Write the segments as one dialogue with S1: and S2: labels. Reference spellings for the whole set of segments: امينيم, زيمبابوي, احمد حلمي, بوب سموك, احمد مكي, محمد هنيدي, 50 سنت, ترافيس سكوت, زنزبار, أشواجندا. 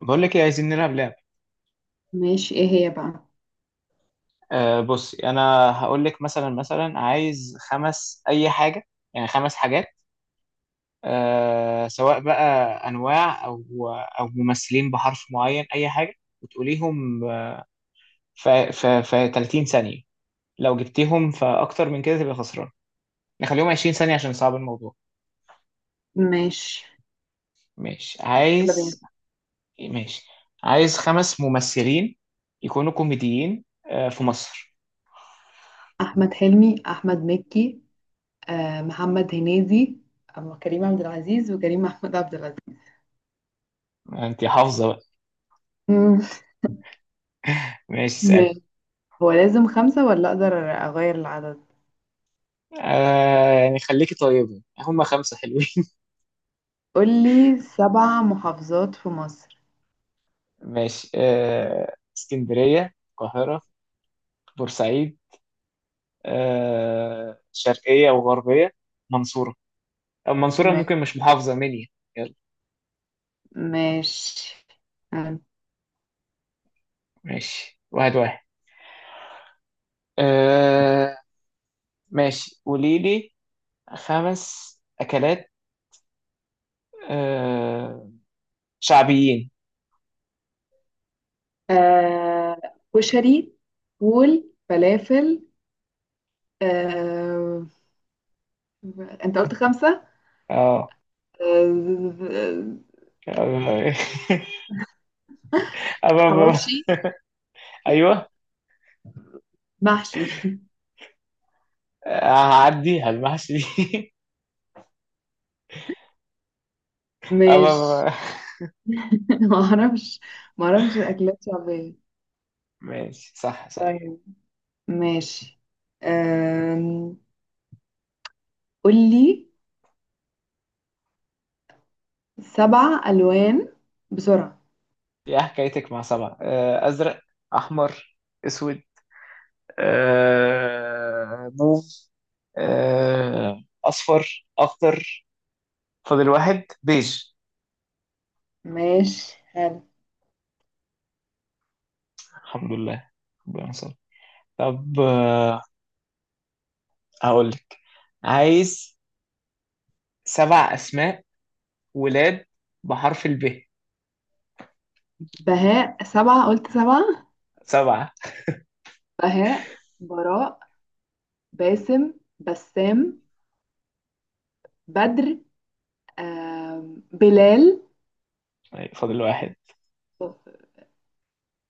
S1: بقول لك ايه، عايزين نلعب لعب.
S2: ماشي، ايه هي بقى؟
S1: بصي، انا هقول لك مثلا عايز خمس اي حاجه، يعني خمس حاجات. سواء بقى انواع او ممثلين بحرف معين، اي حاجه، وتقوليهم في 30 ثانيه. لو جبتيهم في اكتر من كده تبقى خسران. نخليهم 20 ثانيه عشان صعب الموضوع.
S2: ماشي.
S1: ماشي،
S2: يلا بينا.
S1: عايز. ماشي، عايز خمس ممثلين يكونوا كوميديين في مصر.
S2: احمد حلمي، احمد مكي، آه محمد هنيدي، أما كريم عبد العزيز وكريم محمود عبد العزيز.
S1: انت حافظه بقى؟
S2: مم.
S1: ماشي، اسال.
S2: ماشي. هو لازم خمسة ولا اقدر اغير العدد؟
S1: يعني خليكي طيبة، هما خمسة حلوين.
S2: قولي سبع محافظات في مصر.
S1: ماشي. اسكندرية، القاهرة، بورسعيد، شرقية وغربية، منصورة. المنصورة
S2: ما-
S1: ممكن مش محافظة مني. يلا.
S2: ماشي. آه.
S1: ماشي، واحد واحد. آه. ماشي، قولي لي. خمس أكلات آه شعبيين.
S2: آه، كشري، فول، فلافل. آه. انت قلت خمسة؟
S1: اه.
S2: آه.
S1: آه، أبا- أبا-
S2: حواوشي،
S1: أيوه.
S2: محشي.
S1: آه، هعدي هالمحشي.
S2: ماشي.
S1: أبا-
S2: ما اعرفش، ما اعرفش اكلات شعبية.
S1: ماشي، صح صح.
S2: طيب، ماشي. أم... قولي سبع الوان بسرعة.
S1: يا حكايتك مع سبعة. أزرق، أحمر، أسود، موف، أصفر، أخضر. فاضل واحد، بيج.
S2: ماشي، حلو.
S1: الحمد لله، ربنا يستر. طب، هقول لك عايز سبع أسماء ولاد بحرف الب.
S2: بهاء. سبعة قلت؟ سبعة.
S1: سبعة.
S2: بهاء، براء، باسم، بسام، بدر، بلال.
S1: طيب، فاضل واحد.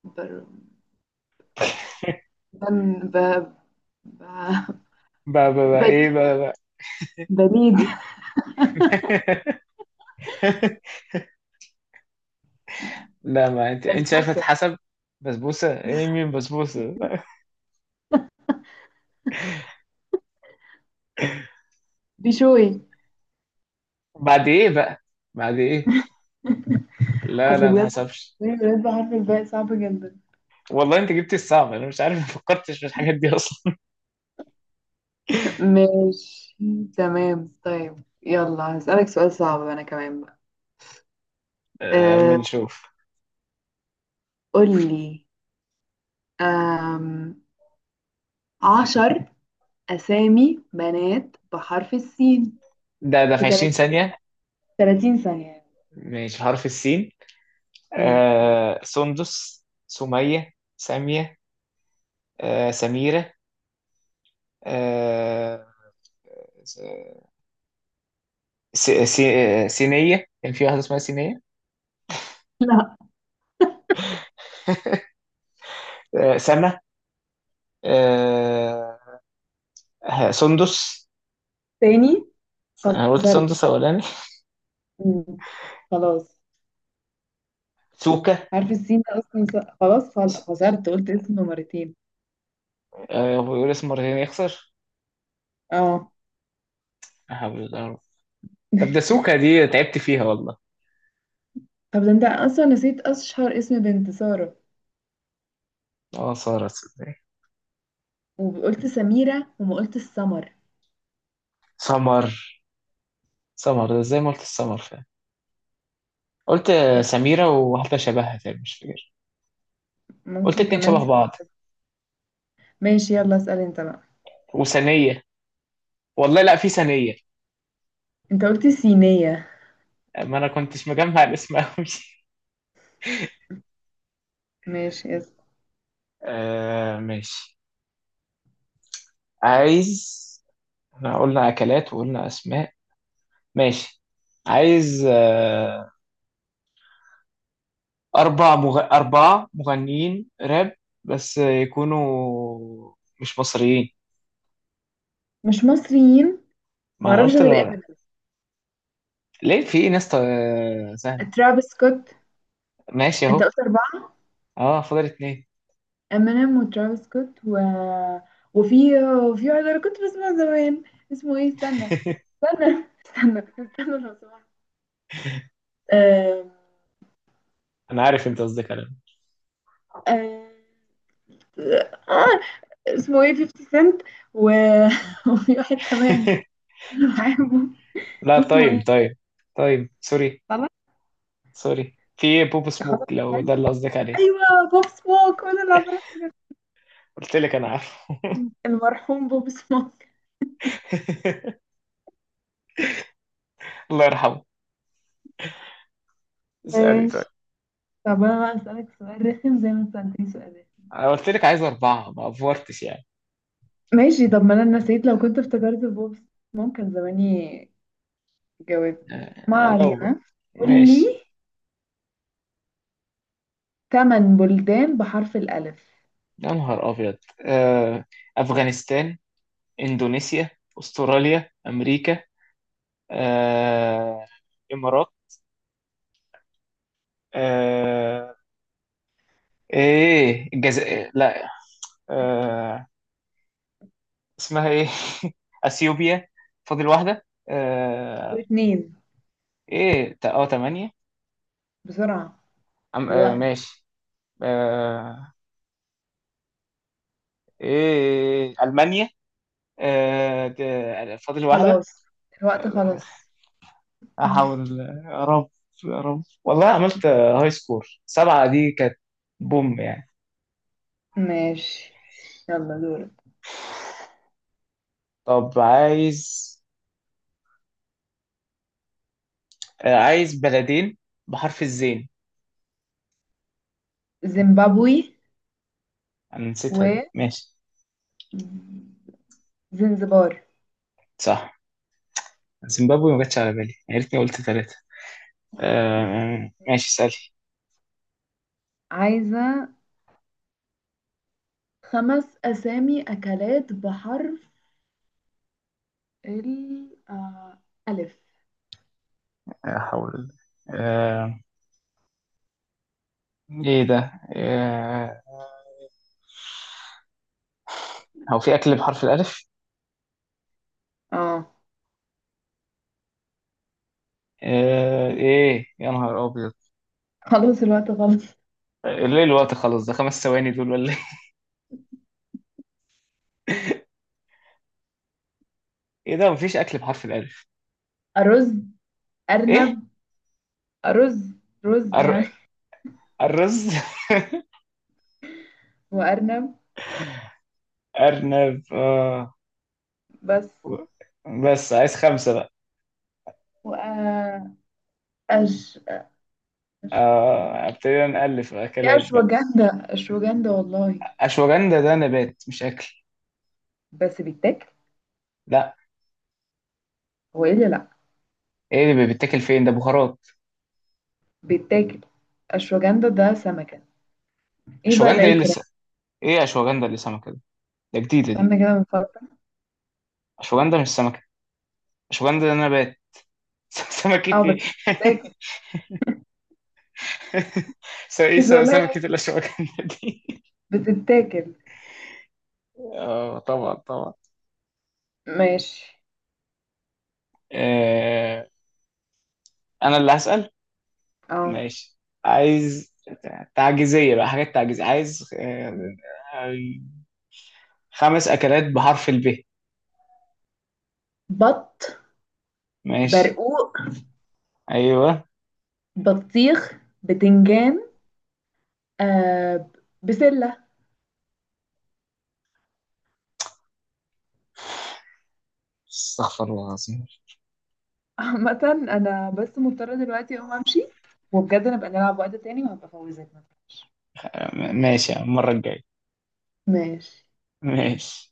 S2: بر... بن... ب... ب...
S1: بقى بقى بقى
S2: بليد.
S1: إيه بقى بقى.
S2: بليد
S1: مين؟ لا، ما أنت شايفة
S2: بسبوسة.
S1: حسب. بسبوسة؟ إيه؟ مين بسبوسة؟
S2: بشوي.
S1: بعد ايه بقى؟ بعد ايه؟ لا
S2: اصل
S1: لا، ما
S2: بجد
S1: حسبش.
S2: الولاد بحرف الباء صعب جدا.
S1: والله انت جبت الصعب، انا مش عارف، ما فكرتش في الحاجات دي اصلا.
S2: ماشي، تمام. طيب يلا هسألك سؤال صعب أنا كمان بقى.
S1: اما
S2: أه.
S1: نشوف.
S2: قولي. أم، 10 أسامي بنات بحرف السين
S1: ده
S2: في
S1: في 20
S2: تلات-
S1: ثانية؟
S2: 30 ثانية يعني.
S1: ماشي، حرف السين.
S2: مم.
S1: سندس، سمية، سامية، سميرة، آه س- سينية، كان في واحدة اسمها سينية.
S2: لا،
S1: سما، آه سندس.
S2: تاني
S1: انا قلت
S2: خسرت.
S1: سندس اولاني.
S2: مم. خلاص.
S1: سوكا.
S2: حرف السين ده أصلا خسرت، قلت اسمه مرتين.
S1: هو يقول اسم مرتين يخسر؟
S2: اه.
S1: لا حول الله. طب، ده سوكا دي تعبت فيها والله.
S2: طب ده انت أصلا نسيت أشهر اسم بنت، سارة.
S1: اه، سارة، صدقني.
S2: وقلت سميرة وما قلت السمر.
S1: سمر. سمر ده زي ما قلت السمر فعلا. قلت
S2: طب
S1: سميرة وواحدة شبهها تاني مش فاكر. قلت
S2: ممكن
S1: اتنين شبه
S2: كمان.
S1: بعض،
S2: ماشي، يلا اسأل انت بقى.
S1: وثانية. والله لا في ثانية.
S2: انت قلت صينية.
S1: ما انا كنتش مجمع الاسم قوي.
S2: ماشي، اسأل.
S1: ماشي. عايز، احنا قلنا اكلات وقلنا اسماء. ماشي، عايز اربعة مغنيين راب، بس يكونوا مش مصريين.
S2: مش مصريين.
S1: ما انا
S2: معرفش
S1: قلت.
S2: غير امينيم،
S1: ليه؟ في ايه ناس سهل.
S2: ترافيس سكوت.
S1: ماشي
S2: انت
S1: اهو.
S2: قلت أربعة.
S1: اه، فاضل اتنين.
S2: امينيم وترافيس سكوت و... وفي وفي واحد انا كنت بسمع زمان، اسمه ايه؟ استنى، استنى لو سمحت. آم،
S1: انا عارف انت قصدك على
S2: آم، آه، اسمه ايه؟ 50 سنت. و... وفي واحد كمان
S1: إيه.
S2: انا بحبه،
S1: لا،
S2: اسمه ايه؟
S1: طيب طيب. طيب، سوري.
S2: خلاص.
S1: سوري، في ايه؟ بوب
S2: خلاص.
S1: سموك لو ده اللي قصدك عليه.
S2: ايوه، بوب سموك، وانا اللي عماله.
S1: قلت لك انا عارفه.
S2: المرحوم بوب سموك.
S1: الله يرحمه. اسألي، طيب.
S2: ماشي. طب انا بقى اسالك سؤال رخم زي ما انت سالتني سؤال رخم.
S1: انا قلت لك عايز اربعة، ما افورتش يعني.
S2: ماشي. طب ما انا نسيت، لو كنت افتكرت بوب ممكن زماني جاوبت. ما
S1: لو بقى.
S2: علينا. قول
S1: ماشي.
S2: لي ثمان بلدان بحرف الألف.
S1: يا نهار ابيض. آه، افغانستان، اندونيسيا، استراليا، امريكا، آه، امارات، آه، ايه الجزائر؟ لا. آه... اسمها ايه؟ اثيوبيا. فاضل واحده.
S2: اتنين.
S1: ايه اه، تمانية.
S2: بسرعة. الوقت.
S1: ماشي. آه... ايه، المانيا. فاضل واحده.
S2: خلاص الوقت. خلاص.
S1: احاول. يا رب، يا رب. والله عملت، هاي سكور سبعة دي كانت بوم يعني.
S2: ماشي، يلا دورك.
S1: طب، عايز عايز بلدين بحرف الزين.
S2: زيمبابوي
S1: انا
S2: و
S1: نسيتها دي، ماشي.
S2: زنزبار.
S1: صح، زيمبابوي ما جاتش على بالي، يا ريتني قلت ثلاثة. ماشي، اسألي.
S2: عايزة خمس أسامي أكلات بحرف ال ألف.
S1: لا حول الله. آه ايه ده؟ آه هو في اكل بحرف الالف؟
S2: اه.
S1: ايه، يا نهار ابيض.
S2: خلاص الوقت خلص.
S1: ليه الوقت خلص؟ ده 5 ثواني دول ولا ايه؟ ايه ده، مفيش اكل بحرف الالف؟
S2: أرز،
S1: ايه،
S2: أرنب. أرز، رز
S1: أر...
S2: يعني.
S1: الرز؟
S2: وأرنب.
S1: ارنب، آه.
S2: بس.
S1: بس عايز خمسة بقى.
S2: وأش أش أش.
S1: آه. ابتدينا نألف
S2: في
S1: اكلات بقى.
S2: أشواجندا، أشواجندا والله.
S1: اشواجندا ده نبات مش اكل.
S2: بس بيتاكل.
S1: لا،
S2: هو إيه اللي لأ؟
S1: ايه اللي بيتاكل؟ فين ده، بهارات.
S2: بيتاكل. أشواجندا ده سمكة. إيه بقى
S1: اشواجندا ايه
S2: العيك
S1: اللي
S2: ده؟
S1: ايه، اشواجندا اللي سمكة؟ ده جديدة دي.
S2: استنى كده بنفكر.
S1: اشوجندا مش سمكة. اشوجندا ده نبات. سمكة
S2: اه بس
S1: ايه؟
S2: بتتاكل.
S1: ايه،
S2: بس والله
S1: سمكة الاشوجندا دي؟
S2: بتتاكل.
S1: اه، طبعا طبعا.
S2: ماشي.
S1: آه، انا اللي هسأل.
S2: اه.
S1: ماشي، عايز تعجيزية بقى، حاجات تعجيزية. عايز آه، خمس اكلات بحرف الب.
S2: بط.
S1: ماشي.
S2: برقوق.
S1: ايوه.
S2: بطيخ. بتنجان. آه. بسلة.
S1: استغفر الله العظيم.
S2: عامة أنا بس مضطرة دلوقتي أقوم أمشي، وبجد نبقى نلعب وقت تاني وهبقى أفوزك.
S1: ماشي، يا عم، المرة الجاية.
S2: ماشي.
S1: ماشي.